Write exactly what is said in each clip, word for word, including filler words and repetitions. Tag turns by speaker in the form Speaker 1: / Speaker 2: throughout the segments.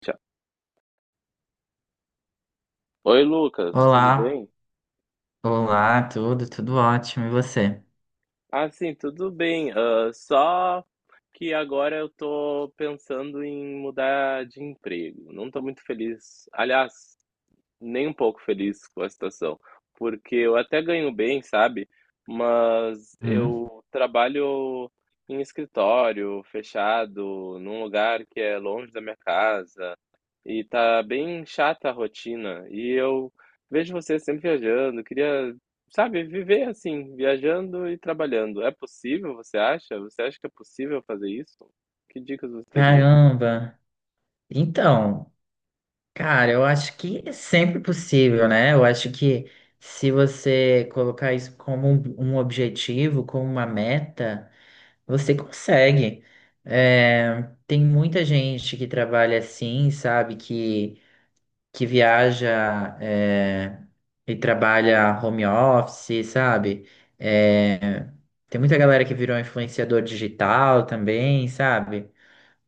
Speaker 1: Tchau. Oi, Lucas, tudo
Speaker 2: Olá,
Speaker 1: bem?
Speaker 2: olá, tudo, tudo ótimo, e você?
Speaker 1: Ah, sim, tudo bem. Ah, só que agora eu tô pensando em mudar de emprego. Não tô muito feliz. Aliás, nem um pouco feliz com a situação, porque eu até ganho bem, sabe? Mas
Speaker 2: Hum?
Speaker 1: eu trabalho em escritório, fechado, num lugar que é longe da minha casa, e tá bem chata a rotina. E eu vejo você sempre viajando, queria, sabe, viver assim, viajando e trabalhando. É possível, você acha? Você acha que é possível fazer isso? Que dicas você teria?
Speaker 2: Caramba! Então, cara, eu acho que é sempre possível, né? Eu acho que se você colocar isso como um um objetivo, como uma meta, você consegue. É, tem muita gente que trabalha assim, sabe? Que que viaja é, e trabalha home office, sabe? É, tem muita galera que virou influenciador digital também, sabe?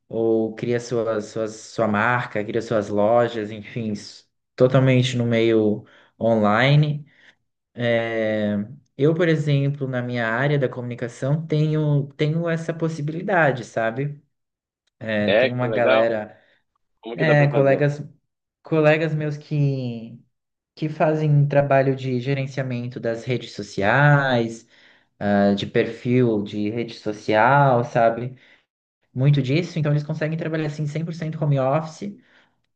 Speaker 2: Ou cria sua, sua, sua marca, cria suas lojas, enfim, s- totalmente no meio online. É, eu, por exemplo, na minha área da comunicação, tenho, tenho essa possibilidade, sabe? É,
Speaker 1: É,
Speaker 2: tem
Speaker 1: que
Speaker 2: uma
Speaker 1: legal.
Speaker 2: galera,
Speaker 1: Como que dá
Speaker 2: é,
Speaker 1: pra fazer?
Speaker 2: colegas, colegas meus que que fazem trabalho de gerenciamento das redes sociais, ah, de perfil de rede social, sabe? Muito disso, então eles conseguem trabalhar assim cem por cento home office,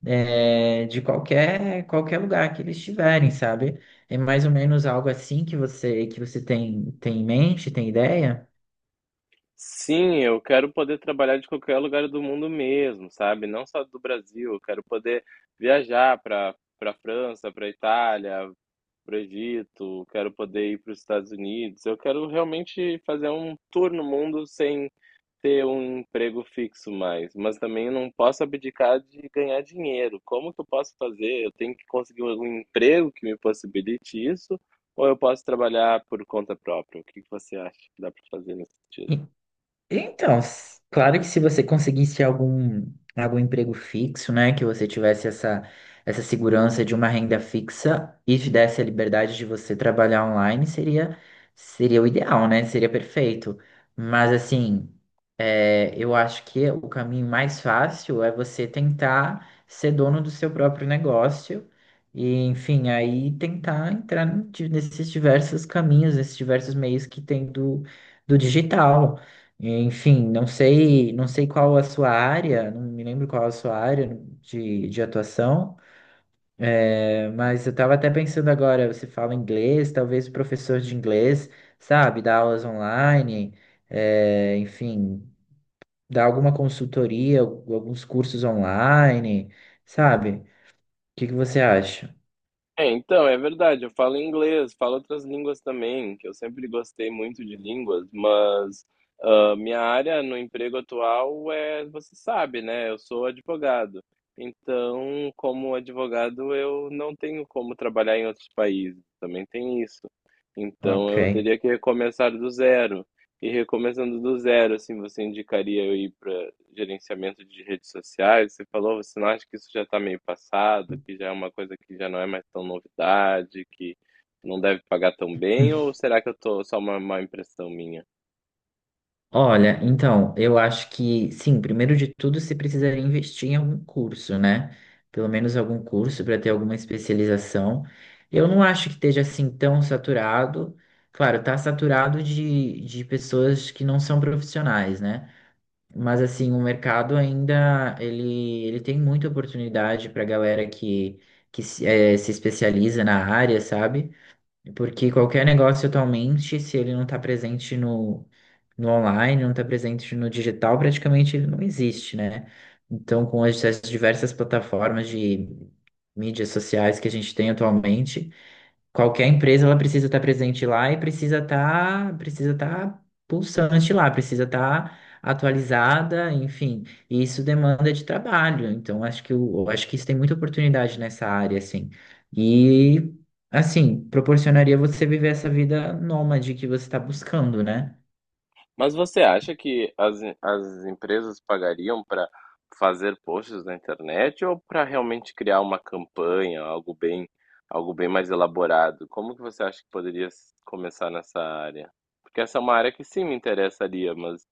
Speaker 2: eh, de qualquer qualquer lugar que eles estiverem, sabe? É mais ou menos algo assim que você que você tem tem em mente, tem ideia?
Speaker 1: Sim, eu quero poder trabalhar de qualquer lugar do mundo mesmo, sabe? Não só do Brasil, eu quero poder viajar para para França, para Itália, para o Egito, quero poder ir para os Estados Unidos. Eu quero realmente fazer um tour no mundo sem ter um emprego fixo mais, mas também eu não posso abdicar de ganhar dinheiro. Como que eu posso fazer? Eu tenho que conseguir um emprego que me possibilite isso, ou eu posso trabalhar por conta própria? O que que você acha que dá para fazer nesse sentido?
Speaker 2: Então, s- claro que se você conseguisse algum, algum emprego fixo, né, que você tivesse essa, essa segurança de uma renda fixa e te desse a liberdade de você trabalhar online, seria, seria o ideal, né? Seria perfeito. Mas, assim, é, eu acho que o caminho mais fácil é você tentar ser dono do seu próprio negócio e, enfim, aí tentar entrar n- de- nesses diversos caminhos, nesses diversos meios que tem do, do digital. É, enfim, não sei, não sei qual a sua área, não me lembro qual a sua área de, de atuação, é, mas eu estava até pensando agora, você fala inglês, talvez o professor de inglês, sabe, dá aulas online, é, enfim, dá alguma consultoria, alguns cursos online, sabe? O que que você acha?
Speaker 1: É, então, é verdade, eu falo inglês, falo outras línguas também, que eu sempre gostei muito de línguas, mas ah, minha área no emprego atual é, você sabe, né? Eu sou advogado. Então, como advogado, eu não tenho como trabalhar em outros países, também tem isso. Então,
Speaker 2: Ok.
Speaker 1: eu teria que recomeçar do zero. E recomeçando do zero, assim, você indicaria eu ir para gerenciamento de redes sociais? Você falou, você não acha que isso já está meio passado, que já é uma coisa que já não é mais tão novidade, que não deve pagar tão bem, ou será que eu tô só uma má impressão minha?
Speaker 2: Olha, então, eu acho que, sim, primeiro de tudo, você precisaria investir em algum curso, né? Pelo menos algum curso para ter alguma especialização. Eu não acho que esteja assim tão saturado. Claro, tá saturado de, de pessoas que não são profissionais, né? Mas assim, o mercado ainda ele, ele tem muita oportunidade para galera que, que se eh, se especializa na área, sabe? Porque qualquer negócio atualmente, se ele não está presente no, no online, não está presente no digital, praticamente ele não existe, né? Então, com as, as diversas plataformas de mídias sociais que a gente tem atualmente, qualquer empresa ela precisa estar presente lá e precisa estar precisa estar pulsante lá, precisa estar atualizada, enfim. E isso demanda de trabalho. Então acho que o- eu acho que isso tem muita oportunidade nessa área assim. E assim, proporcionaria você viver essa vida nômade que você está buscando, né?
Speaker 1: Mas você acha que as, as empresas pagariam para fazer posts na internet ou para realmente criar uma campanha, algo bem, algo bem mais elaborado? Como que você acha que poderia s- começar nessa área? Porque essa é uma área que sim me interessaria, mas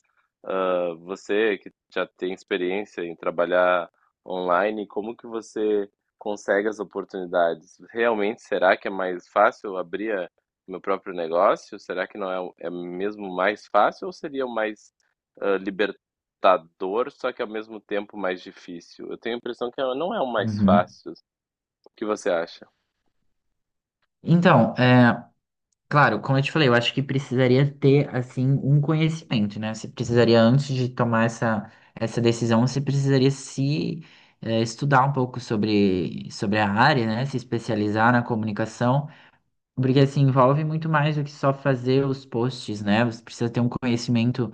Speaker 1: ah, você que já tem experiência em trabalhar online, como que você consegue as oportunidades? Realmente, será que é mais fácil abrir a- meu próprio negócio? Será que não é, o- é mesmo mais fácil ou seria o mais ah, libertador, só que ao mesmo tempo mais difícil? Eu tenho a impressão que é, não é o mais
Speaker 2: Uhum.
Speaker 1: fácil. O que você acha?
Speaker 2: Então, claro, como eu te falei, eu acho que precisaria ter, assim, um conhecimento, né? Você precisaria, antes de tomar essa, essa decisão, você precisaria se eh, estudar um pouco sobre, sobre a área, né? Se especializar na comunicação. Porque assim, envolve muito mais do que só fazer os posts, né? Você precisa ter um conhecimento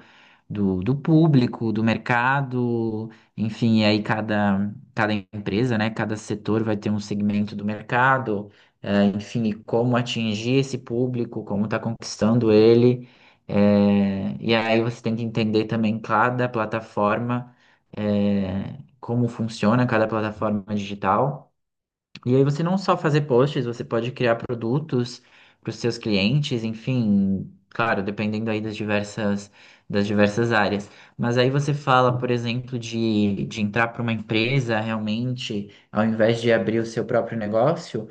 Speaker 2: do, do público, do mercado, enfim, e aí cada, cada empresa, né? Cada setor vai ter um segmento do mercado, eh, enfim, e como atingir esse público, como está conquistando ele. Eh, e aí você tem que entender também cada plataforma, eh, como funciona cada plataforma digital. E aí você não só fazer posts, você pode criar produtos para os seus clientes, enfim, claro, dependendo aí das diversas das diversas áreas. Mas aí você fala, por exemplo, de, de entrar para uma empresa realmente, ao invés de abrir o seu próprio negócio.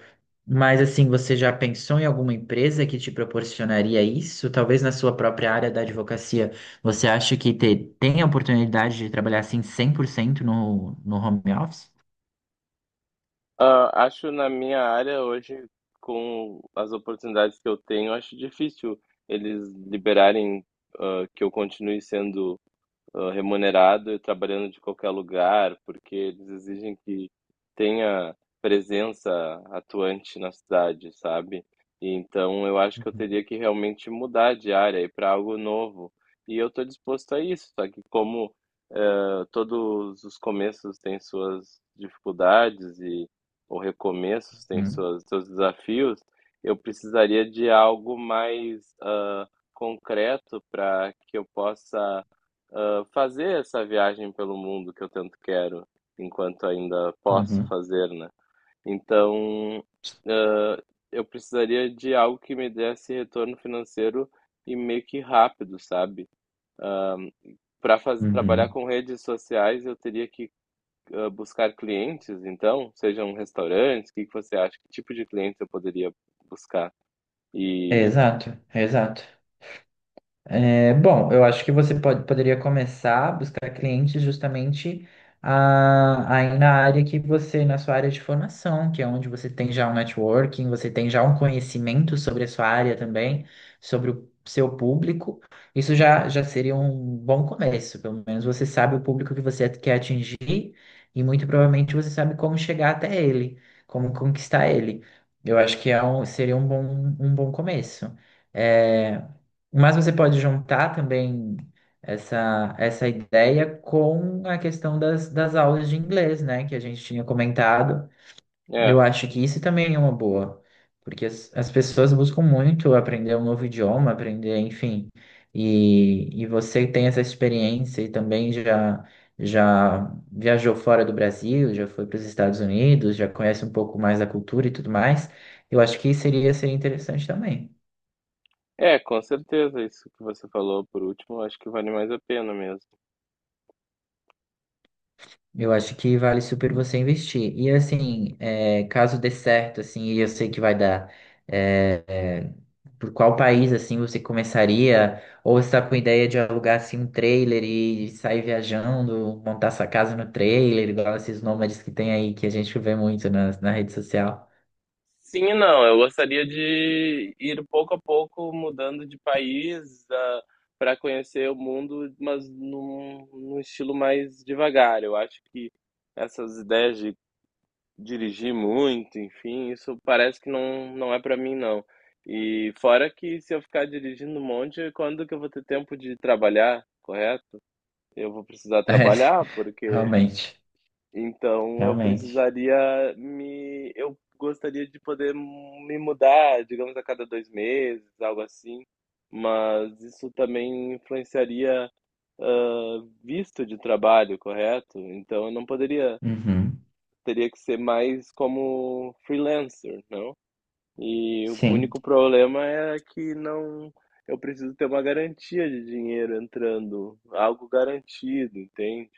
Speaker 2: Mas assim, você já pensou em alguma empresa que te proporcionaria isso? Talvez na sua própria área da advocacia, você acha que te- tem a oportunidade de trabalhar assim cem por cento no, no home office?
Speaker 1: Ah, acho na minha área hoje, com as oportunidades que eu tenho, acho difícil eles liberarem, ah, que eu continue sendo ah, remunerado e trabalhando de qualquer lugar, porque eles exigem que tenha presença atuante na cidade, sabe? E então eu acho que eu
Speaker 2: Uhum.
Speaker 1: teria que realmente mudar de área e para algo novo. E eu estou disposto a isso, só que como eh, todos os começos têm suas dificuldades e ou recomeços têm
Speaker 2: Uhum.
Speaker 1: suas, seus desafios, eu precisaria de algo mais ah, concreto para que eu possa ah, fazer essa viagem pelo mundo que eu tanto quero, enquanto ainda posso
Speaker 2: Uhum.
Speaker 1: fazer, né? Então, ah, eu precisaria de algo que me desse retorno financeiro e meio que rápido, sabe? Para trabalhar
Speaker 2: Uhum.
Speaker 1: com redes sociais, eu teria que ah, buscar clientes, então, sejam restaurantes, o que que você acha? Que tipo de clientes eu poderia buscar?
Speaker 2: É
Speaker 1: E
Speaker 2: exato, é exato. É, bom, eu acho que você pode, poderia começar a buscar clientes justamente a- aí na área que você, na sua área de formação, que é onde você tem já um networking, você tem já um conhecimento sobre a sua área também, sobre o seu público. Isso já, já seria um bom começo, pelo menos você sabe o público que você quer atingir e muito provavelmente você sabe como chegar até ele, como conquistar ele. Eu acho que é um- seria um bom, um bom começo. É, mas você pode juntar também essa, essa ideia com a questão das, das aulas de inglês, né? Que a gente tinha comentado. Eu
Speaker 1: é,
Speaker 2: acho que isso também é uma boa, porque as, as pessoas buscam muito aprender um novo idioma, aprender, enfim. E, e você tem essa experiência e também já, já viajou fora do Brasil, já foi para os Estados Unidos, já conhece um pouco mais da cultura e tudo mais. Eu acho que seria, seria interessante também.
Speaker 1: é, com certeza, isso que você falou por último, acho que vale mais a pena mesmo.
Speaker 2: Eu acho que vale super você investir. E assim, é, caso dê certo, assim, e eu sei que vai dar, é, é, por qual país, assim, você começaria? Ou você tá com ideia de alugar, assim, um trailer e sair viajando, montar sua casa no trailer, igual esses nômades que tem aí, que a gente vê muito na, na rede social.
Speaker 1: Sim e não. Eu gostaria de ir pouco a pouco mudando de país, para conhecer o mundo, mas num, num estilo mais devagar. Eu acho que essas ideias de dirigir muito, enfim, isso parece que não, não é para mim, não. E fora que se eu ficar dirigindo um monte, quando que eu vou ter tempo de trabalhar, correto? Eu vou precisar
Speaker 2: É,
Speaker 1: trabalhar, porque
Speaker 2: realmente,
Speaker 1: então eu
Speaker 2: realmente.
Speaker 1: precisaria me eu gostaria de poder me mudar, digamos, a cada dois meses, algo assim, mas isso também influenciaria, hã, visto de trabalho, correto? Então eu não poderia
Speaker 2: Uhum,
Speaker 1: teria que ser mais como freelancer, não? E o
Speaker 2: sim,
Speaker 1: único problema é que não, eu preciso ter uma garantia de dinheiro entrando, algo garantido, entende?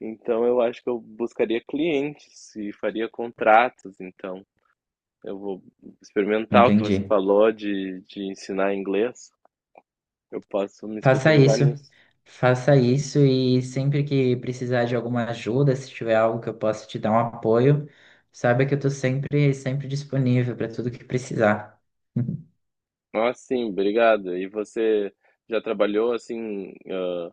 Speaker 1: Então eu acho que eu buscaria clientes e faria contratos, então eu vou experimentar o que você
Speaker 2: entendi.
Speaker 1: falou de, de ensinar inglês. Eu posso me
Speaker 2: Faça
Speaker 1: especializar
Speaker 2: isso.
Speaker 1: nisso.
Speaker 2: Faça isso e sempre que precisar de alguma ajuda, se tiver algo que eu possa te dar um apoio, saiba que eu estou sempre, sempre disponível para tudo que precisar.
Speaker 1: Ah, sim, obrigado. E você já trabalhou assim, ah,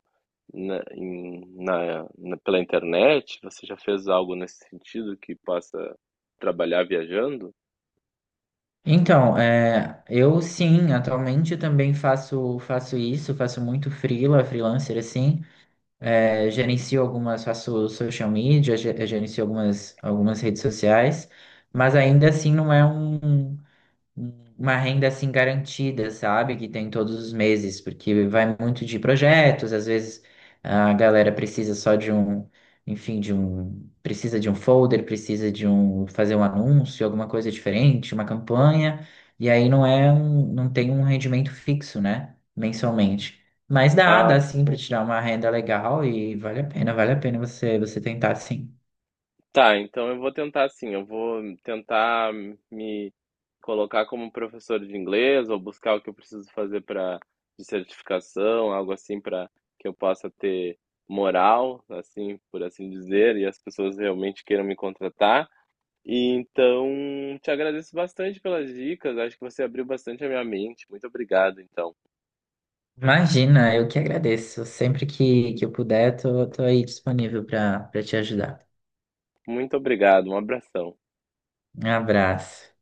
Speaker 1: na, em- na- na- pela internet? Você já fez algo nesse sentido que possa trabalhar viajando?
Speaker 2: Então, é, eu sim, atualmente também faço faço isso, faço muito freela, freelancer assim, é, gerencio algumas, faço social media, ge- gerencio algumas algumas redes sociais, mas ainda assim não é um uma renda assim garantida, sabe? Que tem todos os meses, porque vai muito de projetos, às vezes a galera precisa só de um, enfim, de um, precisa de um folder, precisa de um, fazer um anúncio, alguma coisa diferente, uma campanha, e aí não é um, não tem um rendimento fixo, né? Mensalmente. Mas dá,
Speaker 1: Ah,
Speaker 2: dá sim para
Speaker 1: sim.
Speaker 2: tirar uma renda legal e vale a pena, vale a pena você você tentar sim.
Speaker 1: Tá, então eu vou tentar assim, eu vou tentar me colocar como professor de inglês ou buscar o que eu preciso fazer para de certificação, algo assim para que eu possa ter moral, assim, por assim dizer, e as pessoas realmente queiram me contratar. E então, te agradeço bastante pelas dicas, acho que você abriu bastante a minha mente. Muito obrigado, então.
Speaker 2: Imagina, eu que agradeço. Sempre que, que eu puder, tô, tô aí disponível para para te ajudar.
Speaker 1: Muito obrigado, um abração.
Speaker 2: Um abraço.